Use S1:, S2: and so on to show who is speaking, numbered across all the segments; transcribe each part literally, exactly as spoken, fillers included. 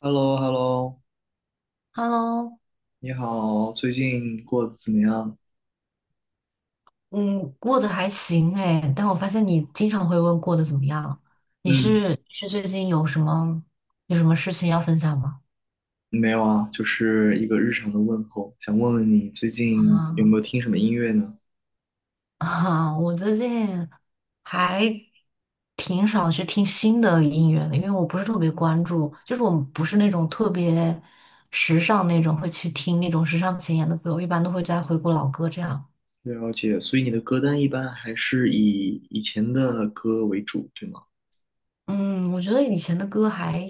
S1: h e l l o h e l l o
S2: Hello，
S1: 你好，最近过得怎么样？
S2: 嗯，过得还行哎，但我发现你经常会问过得怎么样。你
S1: 嗯，
S2: 是是最近有什么有什么事情要分享吗？
S1: 没有啊，就是一个日常的问候，想问问你最近有没有
S2: 啊
S1: 听什么音乐呢？
S2: 啊，我最近还挺少去听新的音乐的，因为我不是特别关注，就是我不是那种特别时尚那种会去听那种时尚前沿的歌，我一般都会在回顾老歌这样。
S1: 了解，所以你的歌单一般还是以以前的歌为主，对吗？
S2: 嗯，我觉得以前的歌还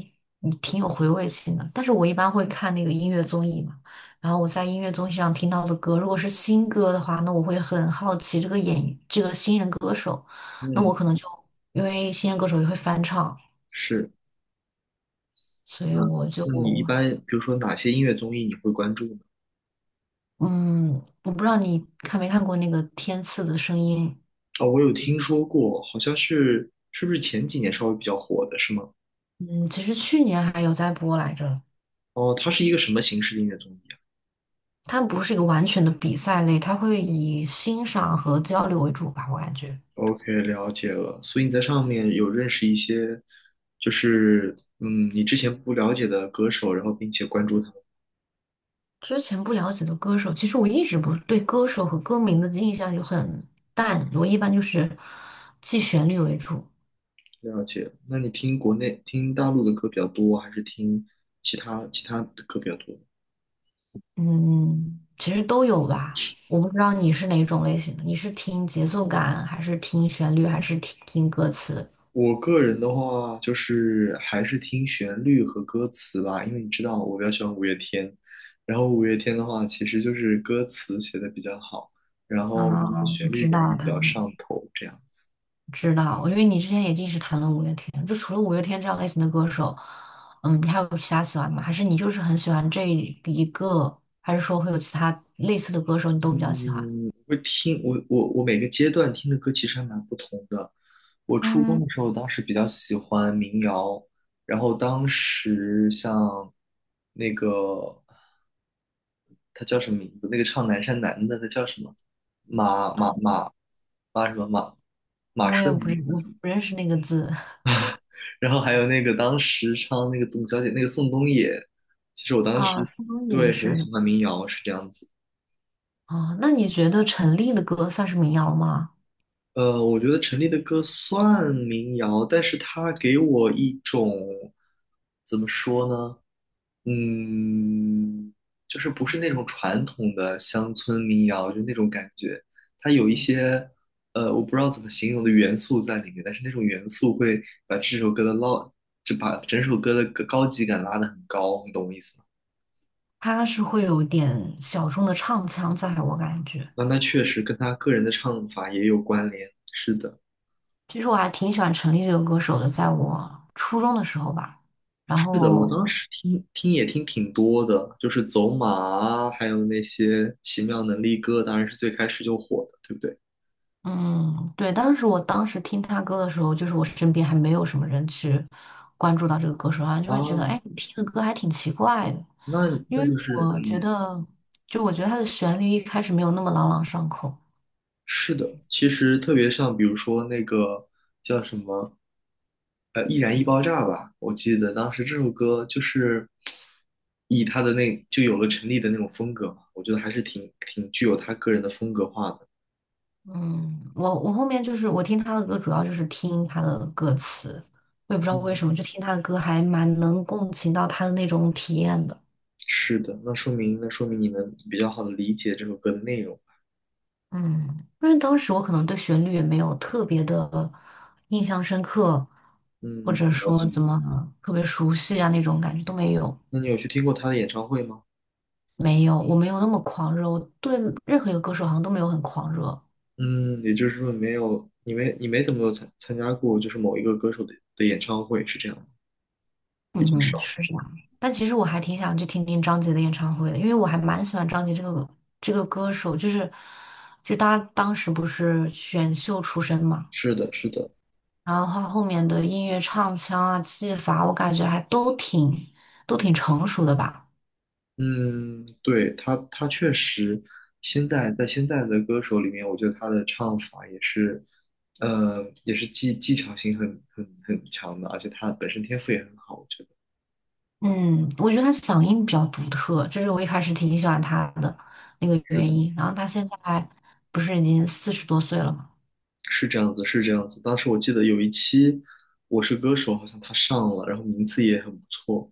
S2: 嗯挺有回味性的，但是我一般会看那个音乐综艺嘛，然后我在音乐综艺上听到的歌，如果是新歌的话，那我会很好奇这个演这个新人歌手，那
S1: 嗯，
S2: 我可能就因为新人歌手也会翻唱，
S1: 是。
S2: 所以
S1: 那
S2: 我就
S1: 那你一般，比如说哪些音乐综艺你会关注呢？
S2: 嗯，我不知道你看没看过那个《天赐的声音》。
S1: 哦，我有听说过，好像是是不是前几年稍微比较火的，是吗？
S2: 嗯，其实去年还有在播来着。
S1: 哦，它是一个什么形式的音乐综艺啊？
S2: 它不是一个完全的比赛类，它会以欣赏和交流为主吧，我感觉。
S1: OK,了解了。所以你在上面有认识一些，就是嗯，你之前不了解的歌手，然后并且关注他们，
S2: 之前不了解的歌手，其实我一直不对歌手和歌名的印象就很淡，我一般就是记旋律为主。
S1: 了解。那你听国内、听大陆的歌比较多，还是听其他其他的歌比较多？
S2: 嗯，其实都有吧。我不知道你是哪种类型的，你是听节奏感，还是听旋律，还是听听歌词？
S1: 我个人的话，就是还是听旋律和歌词吧，因为你知道我比较喜欢五月天，然后五月天的话，其实就是歌词写的比较好，然后它
S2: 啊，
S1: 的
S2: 我
S1: 旋律
S2: 知
S1: 感也
S2: 道
S1: 比
S2: 他
S1: 较
S2: 们，
S1: 上头，这样。
S2: 知道，因为你之前也一直谈论五月天，就除了五月天这样类型的歌手，嗯，你还有其他喜欢的吗？还是你就是很喜欢这一个，还是说会有其他类似的歌手你都比较喜欢？
S1: 我听我我我每个阶段听的歌其实还蛮不同的。我初中
S2: 嗯。
S1: 的时候，当时比较喜欢民谣，然后当时像那个他叫什么名字？那个唱《南山南》的他叫什么？马马
S2: 啊，
S1: 马马什么马马
S2: 我也
S1: 顺
S2: 不
S1: 还是
S2: 认，
S1: 叫
S2: 我
S1: 什么。
S2: 不认识那个字
S1: 然后还有那个当时唱那个董小姐，那个宋冬野，其实我当
S2: 啊，
S1: 时，
S2: 苏东雨也
S1: 对，很
S2: 是的。
S1: 喜欢民谣是这样子。
S2: 啊，那你觉得陈粒的歌算是民谣吗？
S1: 呃，我觉得陈粒的歌算民谣，但是她给我一种怎么说呢？嗯，就是不是那种传统的乡村民谣，就那种感觉。它有一些呃，我不知道怎么形容的元素在里面，但是那种元素会把这首歌的捞，就把整首歌的高高级感拉得很高，你懂我意思吗？
S2: 它是会有一点小众的唱腔在，我感觉。
S1: 那那确实跟他个人的唱法也有关联。是的。
S2: 其实我还挺喜欢陈粒这个歌手的，在我初中的时候吧。然
S1: 是的，我当
S2: 后，
S1: 时听听也听挺多的，就是走马啊，还有那些奇妙能力歌，当然是最开始就火的，对不对？
S2: 嗯，对，当时我当时听他歌的时候，就是我身边还没有什么人去关注到这个歌手啊，然后就会觉得，
S1: 啊，
S2: 哎，你听的歌还挺奇怪的。
S1: 那
S2: 因为
S1: 那就是
S2: 我觉
S1: 嗯，
S2: 得，就我觉得他的旋律一开始没有那么朗朗上口。
S1: 是的，其实特别像比如说那个叫什么呃《易燃易爆炸》吧，我记得当时这首歌就是以他的那就有了陈粒的那种风格嘛，我觉得还是挺挺具有他个人的风格化的。
S2: 嗯，我我后面就是我听他的歌，主要就是听他的歌词，我也不知道为
S1: 嗯，
S2: 什么，就听他的歌还蛮能共情到他的那种体验的。
S1: 是的，那说明那说明你能比较好的理解这首歌的内容。
S2: 嗯，因为当时我可能对旋律也没有特别的印象深刻，或
S1: 嗯，
S2: 者
S1: 了
S2: 说怎
S1: 解。
S2: 么特别熟悉啊那种感觉都没有。
S1: 那你有去听过他的演唱会吗？
S2: 没有，我没有那么狂热，我对任何一个歌手好像都没有很狂热。
S1: 嗯，也就是说你没有，你没你没怎么有参参加过，就是某一个歌手的的演唱会，是这样吗？比较
S2: 嗯，
S1: 少。
S2: 是这样。但其实我还挺想去听听张杰的演唱会的，因为我还蛮喜欢张杰这个这个歌手，就是就他当时不是选秀出身嘛，
S1: 是的，是的。
S2: 然后他后面的音乐唱腔啊、技法，我感觉还都挺都挺成熟的吧。
S1: 嗯，对，他，他确实现在在现在的歌手里面，我觉得他的唱法也是，呃，也是技技巧性很很很强的，而且他本身天赋也很好，我觉得。
S2: 嗯，我觉得他嗓音比较独特，这是我一开始挺喜欢他的那个
S1: 是
S2: 原
S1: 的。
S2: 因。然后他现在不是已经四十多岁了嘛？
S1: 是这样子，是这样子。当时我记得有一期《我是歌手》，好像他上了，然后名次也很不错。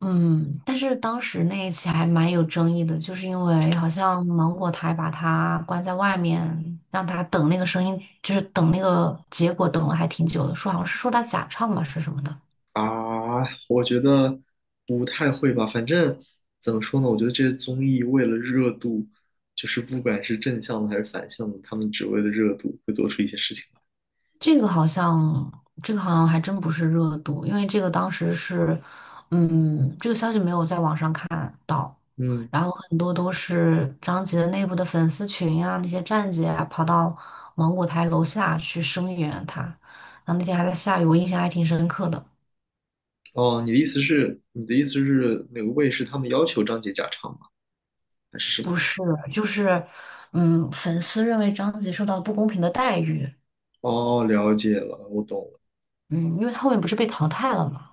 S2: 嗯，但是当时那一起还蛮有争议的，就是因为好像芒果台把他关在外面，让他等那个声音，就是等那个结果，等了还挺久的，说好像是说他假唱吧，是什么的。
S1: 啊，我觉得不太会吧。反正怎么说呢，我觉得这些综艺为了热度，就是不管是正向的还是反向的，他们只为了热度会做出一些事情来。
S2: 这个好像，这个好像还真不是热度，因为这个当时是，嗯，这个消息没有在网上看到。
S1: 嗯，
S2: 然后很多都是张杰的内部的粉丝群啊，那些站姐啊，跑到芒果台楼下去声援他。然后那天还在下雨，我印象还挺深刻的。
S1: 哦，你的意思是，你的意思是哪个卫视他们要求张杰假唱吗？还是什
S2: 不
S1: 么？
S2: 是，就是，嗯，粉丝认为张杰受到了不公平的待遇。
S1: 哦，了解了，我懂了。
S2: 嗯，因为他后面不是被淘汰了嘛。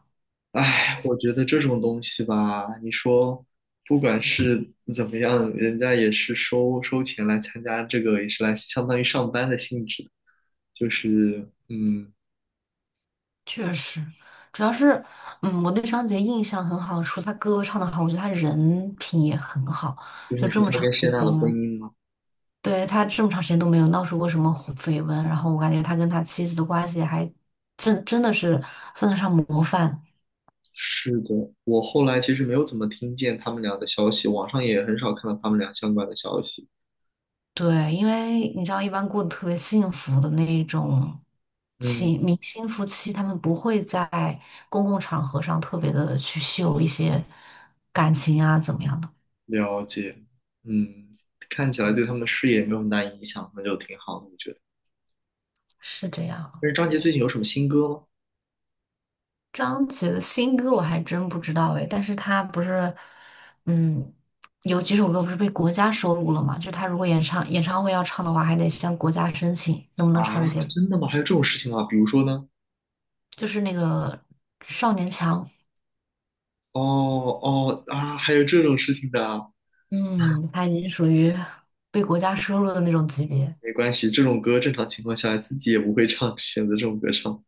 S1: 唉，我觉得这种东西吧，你说不管是怎么样，人家也是收收钱来参加这个，也是来相当于上班的性质，就是嗯，
S2: 确实，主要是，嗯，我对张杰印象很好，除了他歌唱的好，我觉得他人品也很好。
S1: 就是
S2: 就
S1: 你
S2: 这
S1: 说
S2: 么
S1: 他
S2: 长
S1: 跟谢
S2: 时
S1: 娜的婚
S2: 间。
S1: 姻吗？
S2: 对，他这么长时间都没有闹出过什么红绯闻，然后我感觉他跟他妻子的关系还真真的是算得上模范。
S1: 是的，我后来其实没有怎么听见他们俩的消息，网上也很少看到他们俩相关的消息。
S2: 对，因为你知道，一般过得特别幸福的那一种情
S1: 嗯，
S2: 明星夫妻，他们不会在公共场合上特别的去秀一些感情啊，怎么样的，
S1: 了解。嗯，看起来对他们的事业没有很大影响，那就挺好的，我觉得。
S2: 是这样。
S1: 但是张杰最近有什么新歌吗？
S2: 张杰的新歌我还真不知道哎，但是他不是，嗯，有几首歌不是被国家收录了吗？就他如果演唱演唱会要唱的话，还得向国家申请能不能
S1: 啊，
S2: 唱这些。
S1: 真的吗？还有这种事情啊？比如说呢？
S2: 就是那个少年强。
S1: 哦，哦啊，还有这种事情的啊。
S2: 嗯，他已经属于被国家收录的那种级别。
S1: 没关系，这种歌正常情况下自己也不会唱，选择这种歌唱。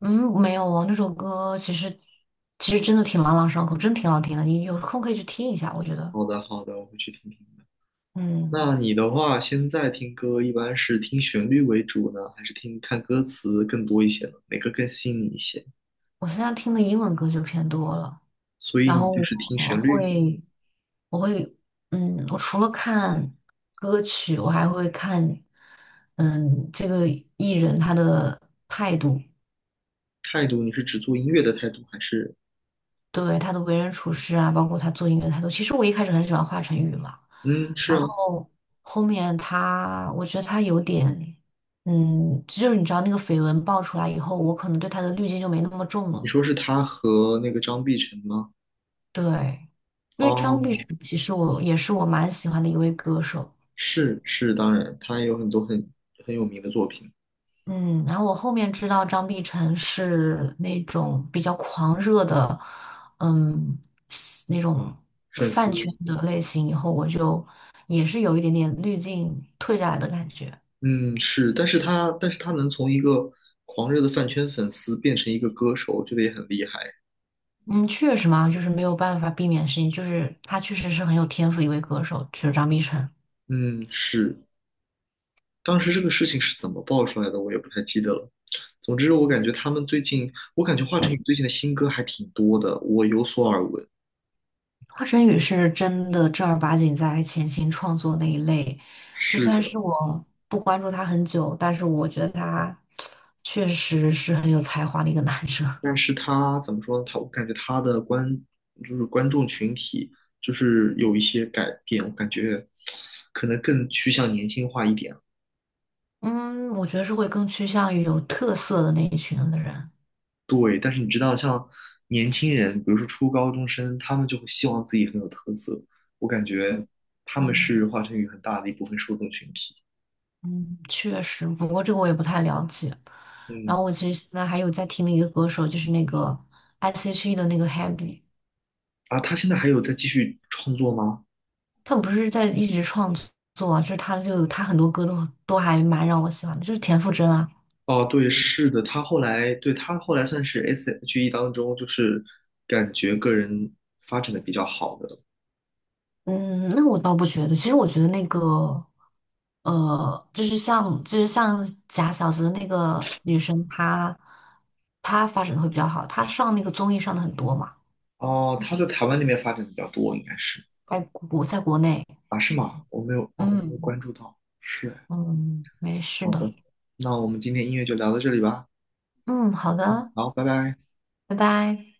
S2: 嗯，没有哦，那首歌其实其实真的挺朗朗上口，真挺好听的，你有空可以去听一下，我觉得。
S1: 好的好的，我会去听听的。
S2: 嗯，
S1: 那你的话，现在听歌一般是听旋律为主呢，还是听看歌词更多一些呢？哪个更吸引你一些？
S2: 我现在听的英文歌就偏多了。
S1: 所以
S2: 然
S1: 你
S2: 后
S1: 就是听
S2: 我
S1: 旋律、
S2: 会，我会，嗯，我除了看歌曲，我还会看，嗯，这个艺人他的态度。
S1: 态度，你是只做音乐的态度，还是
S2: 对，他的为人处事啊，包括他做音乐的态度。其实我一开始很喜欢华晨宇嘛，
S1: 嗯是
S2: 然
S1: 啊？
S2: 后后面他，我觉得他有点，嗯，就是你知道那个绯闻爆出来以后，我可能对他的滤镜就没那么重
S1: 你
S2: 了。
S1: 说是他和那个张碧晨吗？
S2: 对。因为张碧
S1: 哦，
S2: 晨其实我也是我蛮喜欢的一位歌手。
S1: 是是，当然，他有很多很很有名的作品，
S2: 嗯，然后我后面知道张碧晨是那种比较狂热的，嗯，那种
S1: 粉丝，
S2: 饭圈的类型，以后我就也是有一点点滤镜退下来的感觉。
S1: 嗯，是，但是他但是他能从一个狂热的饭圈粉丝变成一个歌手，我觉得也很厉害。
S2: 嗯，确实嘛，就是没有办法避免的事情，就是他确实是很有天赋的一位歌手，就是张碧晨。
S1: 嗯，是，当时这个事情是怎么爆出来的，我也不太记得了。总之，我感觉他们最近，我感觉华晨宇最近的新歌还挺多的，我有所耳闻。
S2: 华晨宇是真的正儿八经在潜心创作那一类，就算
S1: 是，
S2: 是我不关注他很久，但是我觉得他确实是很有才华的一个男生。
S1: 但是他怎么说呢？他我感觉他的观、就是观众群体就是有一些改变，我感觉可能更趋向年轻化一点。
S2: 嗯，我觉得是会更趋向于有特色的那一群的人。
S1: 对，但是你知道，像年轻人，比如说初高中生，他们就会希望自己很有特色。我感觉他们是华晨宇很大的一部分受众群体。
S2: 嗯，确实，不过这个我也不太了解。
S1: 嗯，
S2: 然后我其实现在还有在听的一个歌手，就是那个 S.H.E 的那个 Happy。
S1: 啊，他现在还有在继续创作吗？
S2: 他不是在一直创作啊，就是他就他很多歌都都还蛮让我喜欢的，就是田馥甄啊。
S1: 哦，对，是的，他后来，对，他后来算是 S.H.E 当中，就是感觉个人发展的比较好的。
S2: 嗯，那我倒不觉得，其实我觉得那个呃，就是像就是像假小子的那个女生，她她发展得会比较好，她上那个综艺上的很多嘛。
S1: 哦，他在台湾那边发展的比较多，应该是
S2: 在国在国内，
S1: 啊，是吗？我没有哦，我没有
S2: 嗯
S1: 关注到，是，
S2: 嗯，没事
S1: 好
S2: 的。
S1: 的，那我们今天音乐就聊到这里吧，
S2: 嗯，好的，
S1: 好，拜拜。
S2: 拜拜。